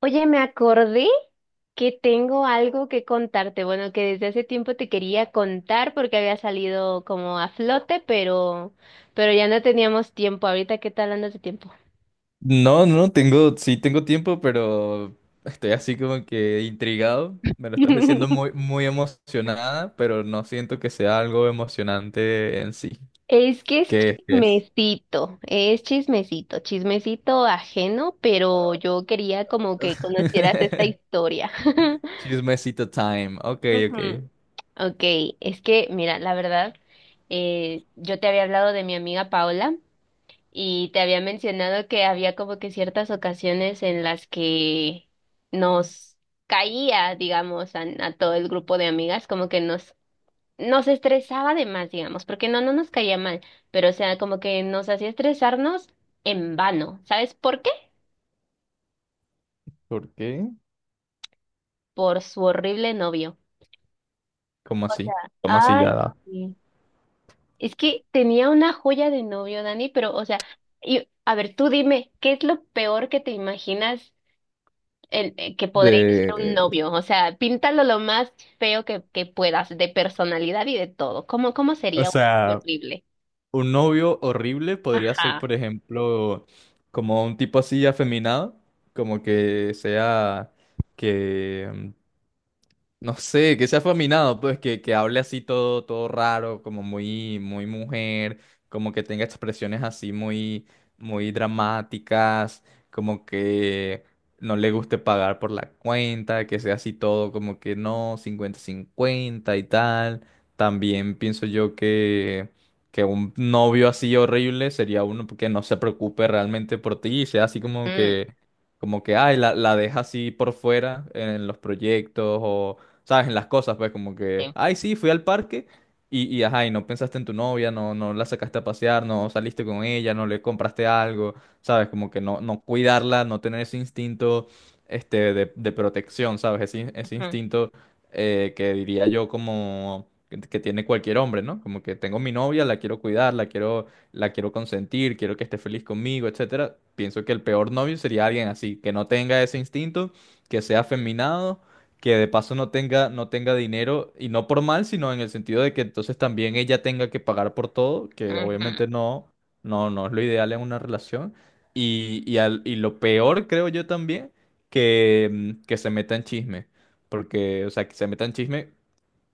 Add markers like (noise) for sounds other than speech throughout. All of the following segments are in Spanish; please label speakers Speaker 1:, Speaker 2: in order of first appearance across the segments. Speaker 1: Oye, me acordé que tengo algo que contarte. Bueno, que desde hace tiempo te quería contar porque había salido como a flote, pero, ya no teníamos tiempo. Ahorita, ¿qué tal andas de tiempo?
Speaker 2: No, tengo, sí tengo tiempo, pero estoy así como que intrigado. Me lo estás diciendo muy,
Speaker 1: (laughs)
Speaker 2: muy emocionada, pero no siento que sea algo emocionante en sí.
Speaker 1: Es que
Speaker 2: ¿Qué es? ¿Qué es?
Speaker 1: es chismecito, chismecito ajeno, pero yo quería como que conocieras esta
Speaker 2: (laughs)
Speaker 1: historia. (laughs)
Speaker 2: Chismecito time. Ok, ok.
Speaker 1: Ujú. Ok, es que mira, la verdad, yo te había hablado de mi amiga Paola. Y te había mencionado que había como que ciertas ocasiones en las que nos caía, digamos, a todo el grupo de amigas, como que nos, nos estresaba de más, digamos, porque no, no nos caía mal, pero o sea, como que nos hacía estresarnos en vano. ¿Sabes por qué?
Speaker 2: ¿Por qué?
Speaker 1: Por su horrible novio.
Speaker 2: ¿Cómo
Speaker 1: O sea,
Speaker 2: así? ¿Cómo así
Speaker 1: ay,
Speaker 2: ya da?
Speaker 1: sí. Es que tenía una joya de novio, Dani, pero, o sea, y, a ver, tú dime, ¿qué es lo peor que te imaginas? ¿Que podría ser un
Speaker 2: De...
Speaker 1: novio? O sea, píntalo lo más feo que, puedas, de personalidad y de todo. ¿Cómo, cómo
Speaker 2: O
Speaker 1: sería un novio
Speaker 2: sea,
Speaker 1: horrible?
Speaker 2: un novio horrible podría ser,
Speaker 1: Ajá.
Speaker 2: por ejemplo, como un tipo así afeminado, como que sea que no sé, que sea afeminado, pues que hable así todo, todo raro, como muy, muy mujer, como que tenga expresiones así muy, muy dramáticas, como que no le guste pagar por la cuenta, que sea así todo como que no, cincuenta cincuenta y tal. También pienso yo que un novio así horrible sería uno que no se preocupe realmente por ti y sea así
Speaker 1: Mm,
Speaker 2: como que, ay, la deja así por fuera en los proyectos o ¿sabes? En las cosas, pues como que,
Speaker 1: sí.
Speaker 2: ay, sí, fui al parque y ajá, y no pensaste en tu novia, no, no la sacaste a pasear, no saliste con ella, no le compraste algo, ¿sabes? Como que no, no cuidarla, no tener ese instinto este, de protección, ¿sabes? Ese, ese
Speaker 1: Ujú,
Speaker 2: instinto que diría yo como... que tiene cualquier hombre, ¿no? Como que tengo mi novia, la quiero cuidar, la quiero consentir, quiero que esté feliz conmigo, etcétera. Pienso que el peor novio sería alguien así, que no tenga ese instinto, que sea afeminado, que de paso no tenga, no tenga dinero, y no por mal, sino en el sentido de que entonces también ella tenga que pagar por todo, que
Speaker 1: ujú.
Speaker 2: obviamente no, no es lo ideal en una relación. Y, y lo peor, creo yo también, que se meta en chisme. Porque, o sea, que se meta en chisme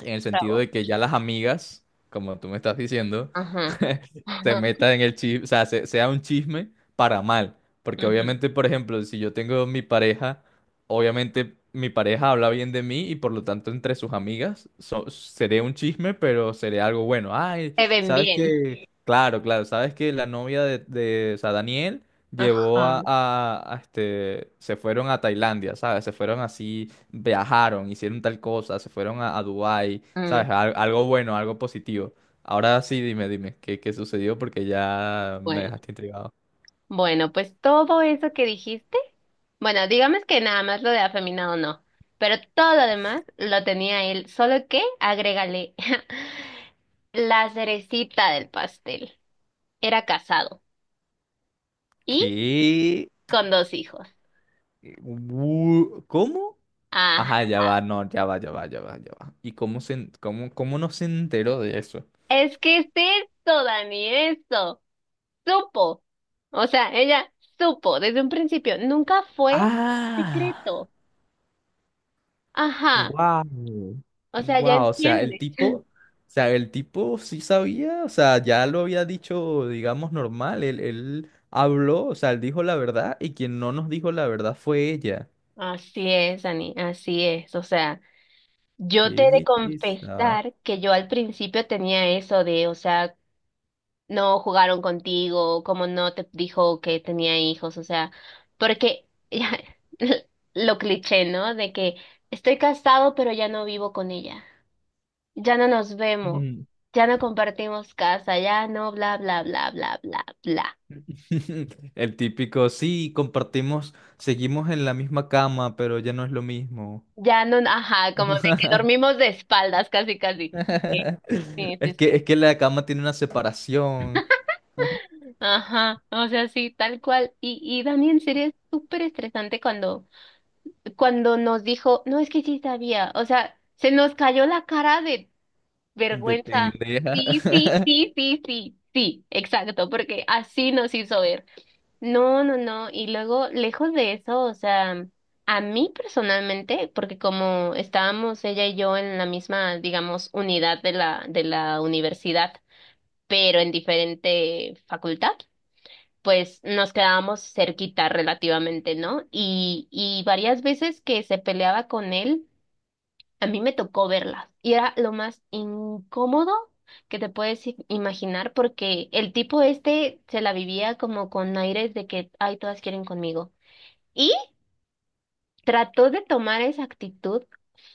Speaker 2: en el sentido
Speaker 1: Bravo.
Speaker 2: de que ya las amigas, como tú me estás diciendo,
Speaker 1: Ajá.
Speaker 2: (laughs) se
Speaker 1: Ajá.
Speaker 2: metan en el chisme, o sea, sea un chisme para mal. Porque
Speaker 1: Ujú.
Speaker 2: obviamente, por ejemplo, si yo tengo mi pareja, obviamente mi pareja habla bien de mí y por lo tanto entre sus amigas seré un chisme, pero seré algo bueno. Ay,
Speaker 1: Se ven
Speaker 2: ¿sabes
Speaker 1: bien.
Speaker 2: qué? Claro, claro, ¿sabes que la novia de, o sea, Daniel llevó
Speaker 1: Ajá.
Speaker 2: a, este, se fueron a Tailandia, ¿sabes? Se fueron así, viajaron, hicieron tal cosa, se fueron a Dubái,
Speaker 1: Mm.
Speaker 2: ¿sabes? Algo bueno, algo positivo. Ahora sí, dime, dime, ¿qué, qué sucedió? Porque ya me
Speaker 1: Bueno,
Speaker 2: dejaste intrigado.
Speaker 1: bueno, pues todo eso que dijiste, bueno, digamos que nada más lo de afeminado no, pero todo lo demás lo tenía él, solo que agrégale (laughs) la cerecita del pastel. Era casado y
Speaker 2: ¿Qué?
Speaker 1: con dos hijos.
Speaker 2: ¿Cómo?
Speaker 1: Ah,
Speaker 2: Ajá, ya va, no, ya va, ya va, ya va, ya va. ¿Y cómo se, cómo, cómo no se enteró de eso?
Speaker 1: es que es esto, Dani, esto. Supo. O sea, ella supo desde un principio. Nunca fue
Speaker 2: Ah.
Speaker 1: secreto. Ajá.
Speaker 2: Wow,
Speaker 1: O sea, ya
Speaker 2: wow, o sea, el
Speaker 1: entiendes.
Speaker 2: tipo, o sea, el tipo sí sabía, o sea, ya lo había dicho, digamos, normal, él habló, o sea, él dijo la verdad y quien no nos dijo la verdad fue ella.
Speaker 1: Así es, Dani, así es. O sea, yo
Speaker 2: Qué
Speaker 1: te he de
Speaker 2: belleza.
Speaker 1: confesar que yo al principio tenía eso de, o sea, no jugaron contigo, como no te dijo que tenía hijos, o sea, porque ya, (laughs) lo cliché, ¿no? De que estoy casado, pero ya no vivo con ella, ya no nos vemos,
Speaker 2: Mm.
Speaker 1: ya no compartimos casa, ya no bla bla bla bla bla bla.
Speaker 2: (laughs) El típico, sí, compartimos, seguimos en la misma cama, pero ya no es lo mismo.
Speaker 1: Ya no, ajá, como de que
Speaker 2: (laughs)
Speaker 1: dormimos de espaldas, casi casi. Sí, sí, sí, sí.
Speaker 2: Es que la cama tiene una separación
Speaker 1: Ajá, o sea, sí, tal cual. Y Dani, en serio, es súper estresante cuando nos dijo, no, es que sí sabía, o sea, se nos cayó la cara de
Speaker 2: de
Speaker 1: vergüenza.
Speaker 2: pendeja.
Speaker 1: Sí, sí,
Speaker 2: (laughs)
Speaker 1: sí, sí, sí, sí, exacto, porque así nos hizo ver. No, no, no, y luego, lejos de eso, o sea, a mí personalmente, porque como estábamos ella y yo en la misma, digamos, unidad de la, universidad, pero en diferente facultad, pues nos quedábamos cerquita relativamente, ¿no? Y varias veces que se peleaba con él, a mí me tocó verlas. Y era lo más incómodo que te puedes imaginar porque el tipo este se la vivía como con aires de que, ay, todas quieren conmigo. Y trató de tomar esa actitud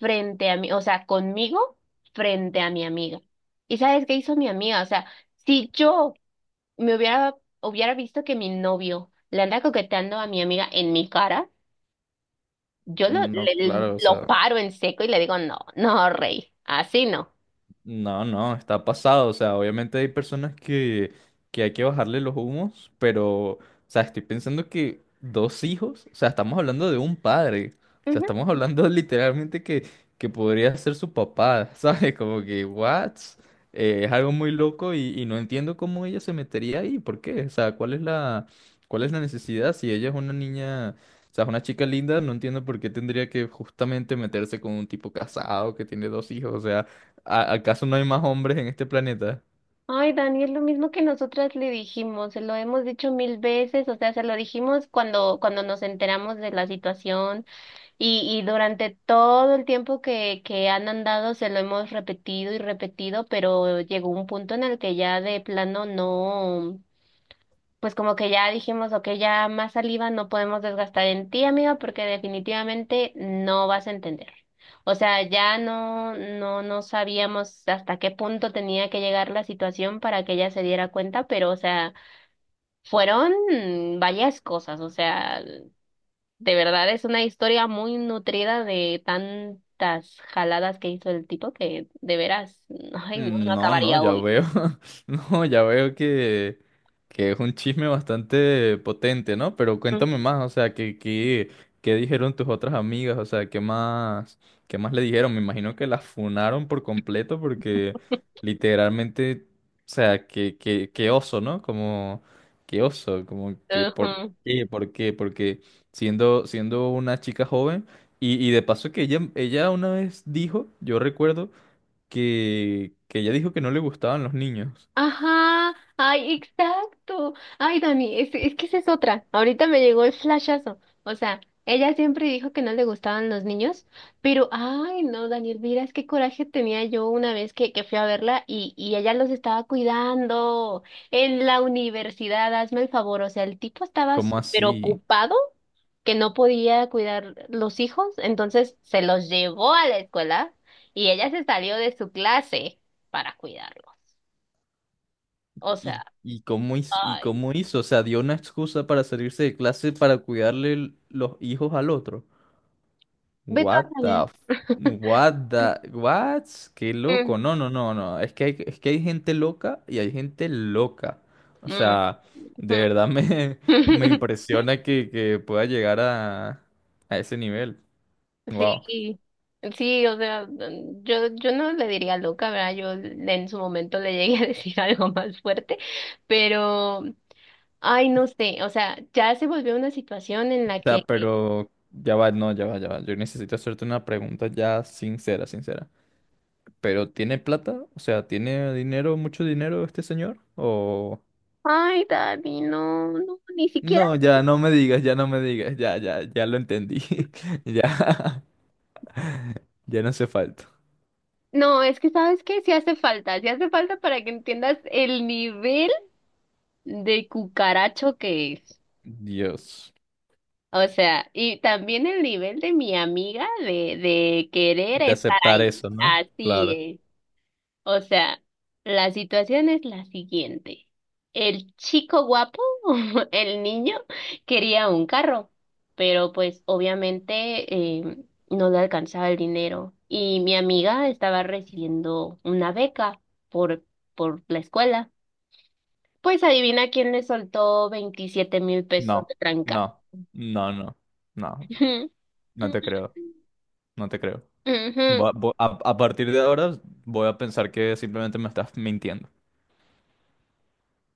Speaker 1: frente a mí, o sea, conmigo frente a mi amiga. ¿Y sabes qué hizo mi amiga? O sea, si yo hubiera visto que mi novio le anda coqueteando a mi amiga en mi cara, yo
Speaker 2: No, claro, o
Speaker 1: lo
Speaker 2: sea.
Speaker 1: paro en seco y le digo, no, no, rey, así no.
Speaker 2: No, no, está pasado. O sea, obviamente hay personas que hay que bajarle los humos, pero, o sea, estoy pensando que dos hijos, o sea, estamos hablando de un padre. O sea,
Speaker 1: Ujú.
Speaker 2: estamos hablando (laughs) literalmente que podría ser su papá, (laughs) ¿sabes? Como que, what? Es algo muy loco y no entiendo cómo ella se metería ahí, ¿por qué? O sea, ¿cuál es cuál es la necesidad? Si ella es una niña, o sea, es una chica linda, no entiendo por qué tendría que justamente meterse con un tipo casado que tiene dos hijos, o sea. ¿Acaso no hay más hombres en este planeta?
Speaker 1: Ay, Dani, es lo mismo que nosotras le dijimos, se lo hemos dicho mil veces, o sea, se lo dijimos cuando, nos enteramos de la situación y durante todo el tiempo que, han andado se lo hemos repetido y repetido, pero llegó un punto en el que ya de plano no. Pues como que ya dijimos, ok, ya más saliva no podemos desgastar en ti, amiga, porque definitivamente no vas a entender. O sea, ya no, no, no sabíamos hasta qué punto tenía que llegar la situación para que ella se diera cuenta, pero, o sea, fueron varias cosas. O sea, de verdad es una historia muy nutrida de tantas jaladas que hizo el tipo que de veras, (laughs) ay, no,
Speaker 2: Mm,
Speaker 1: no
Speaker 2: no, no,
Speaker 1: acabaría
Speaker 2: ya
Speaker 1: hoy.
Speaker 2: veo. (laughs) No, ya veo que es un chisme bastante potente, ¿no? Pero cuéntame más, o sea, ¿qué, qué dijeron tus otras amigas? O sea, qué más le dijeron? Me imagino que las funaron por completo porque literalmente, o sea, qué oso, ¿no? Como, qué oso, como que
Speaker 1: Ujú.
Speaker 2: por qué, porque siendo, siendo una chica joven, y de paso que ella una vez dijo, yo recuerdo que ella dijo que no le gustaban los niños.
Speaker 1: Ajá, ay, exacto. Ay, Dani, es, que esa es otra. Ahorita me llegó el flashazo. O sea, ella siempre dijo que no le gustaban los niños, pero, ay, no, Daniel, mira, es qué coraje tenía yo una vez que, fui a verla y ella los estaba cuidando en la universidad, hazme el favor. O sea, el tipo estaba
Speaker 2: ¿Cómo
Speaker 1: súper
Speaker 2: así?
Speaker 1: ocupado que no podía cuidar los hijos, entonces se los llevó a la escuela y ella se salió de su clase para cuidarlos. O
Speaker 2: ¿Y,
Speaker 1: sea.
Speaker 2: y cómo hizo, y
Speaker 1: Ay,
Speaker 2: cómo hizo? O sea, dio una excusa para salirse de clase para cuidarle los hijos al otro.
Speaker 1: ve tú a
Speaker 2: What
Speaker 1: saber.
Speaker 2: the f-?
Speaker 1: (laughs)
Speaker 2: What the... what? Qué loco.
Speaker 1: Mm,
Speaker 2: No, no, no, no. Es que hay gente loca y hay gente loca. O
Speaker 1: mm,
Speaker 2: sea, de
Speaker 1: ujú.
Speaker 2: verdad me, (laughs) me
Speaker 1: (laughs)
Speaker 2: impresiona que pueda llegar a ese nivel. Wow.
Speaker 1: Sí, sí, o sea, yo, yo no le diría loca, ¿verdad? En su momento le llegué a decir (laughs) algo más fuerte, pero, ay, no sé, o sea, ya se volvió una situación en
Speaker 2: O
Speaker 1: la
Speaker 2: sea,
Speaker 1: que,
Speaker 2: pero ya va, no, ya va, ya va. Yo necesito hacerte una pregunta ya sincera, sincera. ¿Pero tiene plata? O sea, ¿tiene dinero, mucho dinero este señor? O...
Speaker 1: ay, Dani, no, no, ni siquiera,
Speaker 2: No, ya no me digas, ya no me digas, ya, ya, ya lo entendí. (laughs) Ya, ya no hace falta.
Speaker 1: no, es que, ¿sabes que sí hace falta para que entiendas el nivel de cucaracho que es.
Speaker 2: Dios,
Speaker 1: O sea, y también el nivel de mi amiga de, querer
Speaker 2: de
Speaker 1: estar
Speaker 2: aceptar
Speaker 1: ahí.
Speaker 2: eso, ¿no?
Speaker 1: Así
Speaker 2: Claro.
Speaker 1: es. O sea, la situación es la siguiente. El chico guapo, (laughs) el niño, quería un carro, pero pues obviamente, eh, no le alcanzaba el dinero. Y mi amiga estaba recibiendo una beca por, la escuela. Pues adivina quién le soltó 27,000 pesos de
Speaker 2: No,
Speaker 1: tranca.
Speaker 2: no, no, no, no, no te creo,
Speaker 1: (laughs)
Speaker 2: no te creo.
Speaker 1: Ujú.
Speaker 2: Voy a, a partir de ahora voy a pensar que simplemente me estás mintiendo.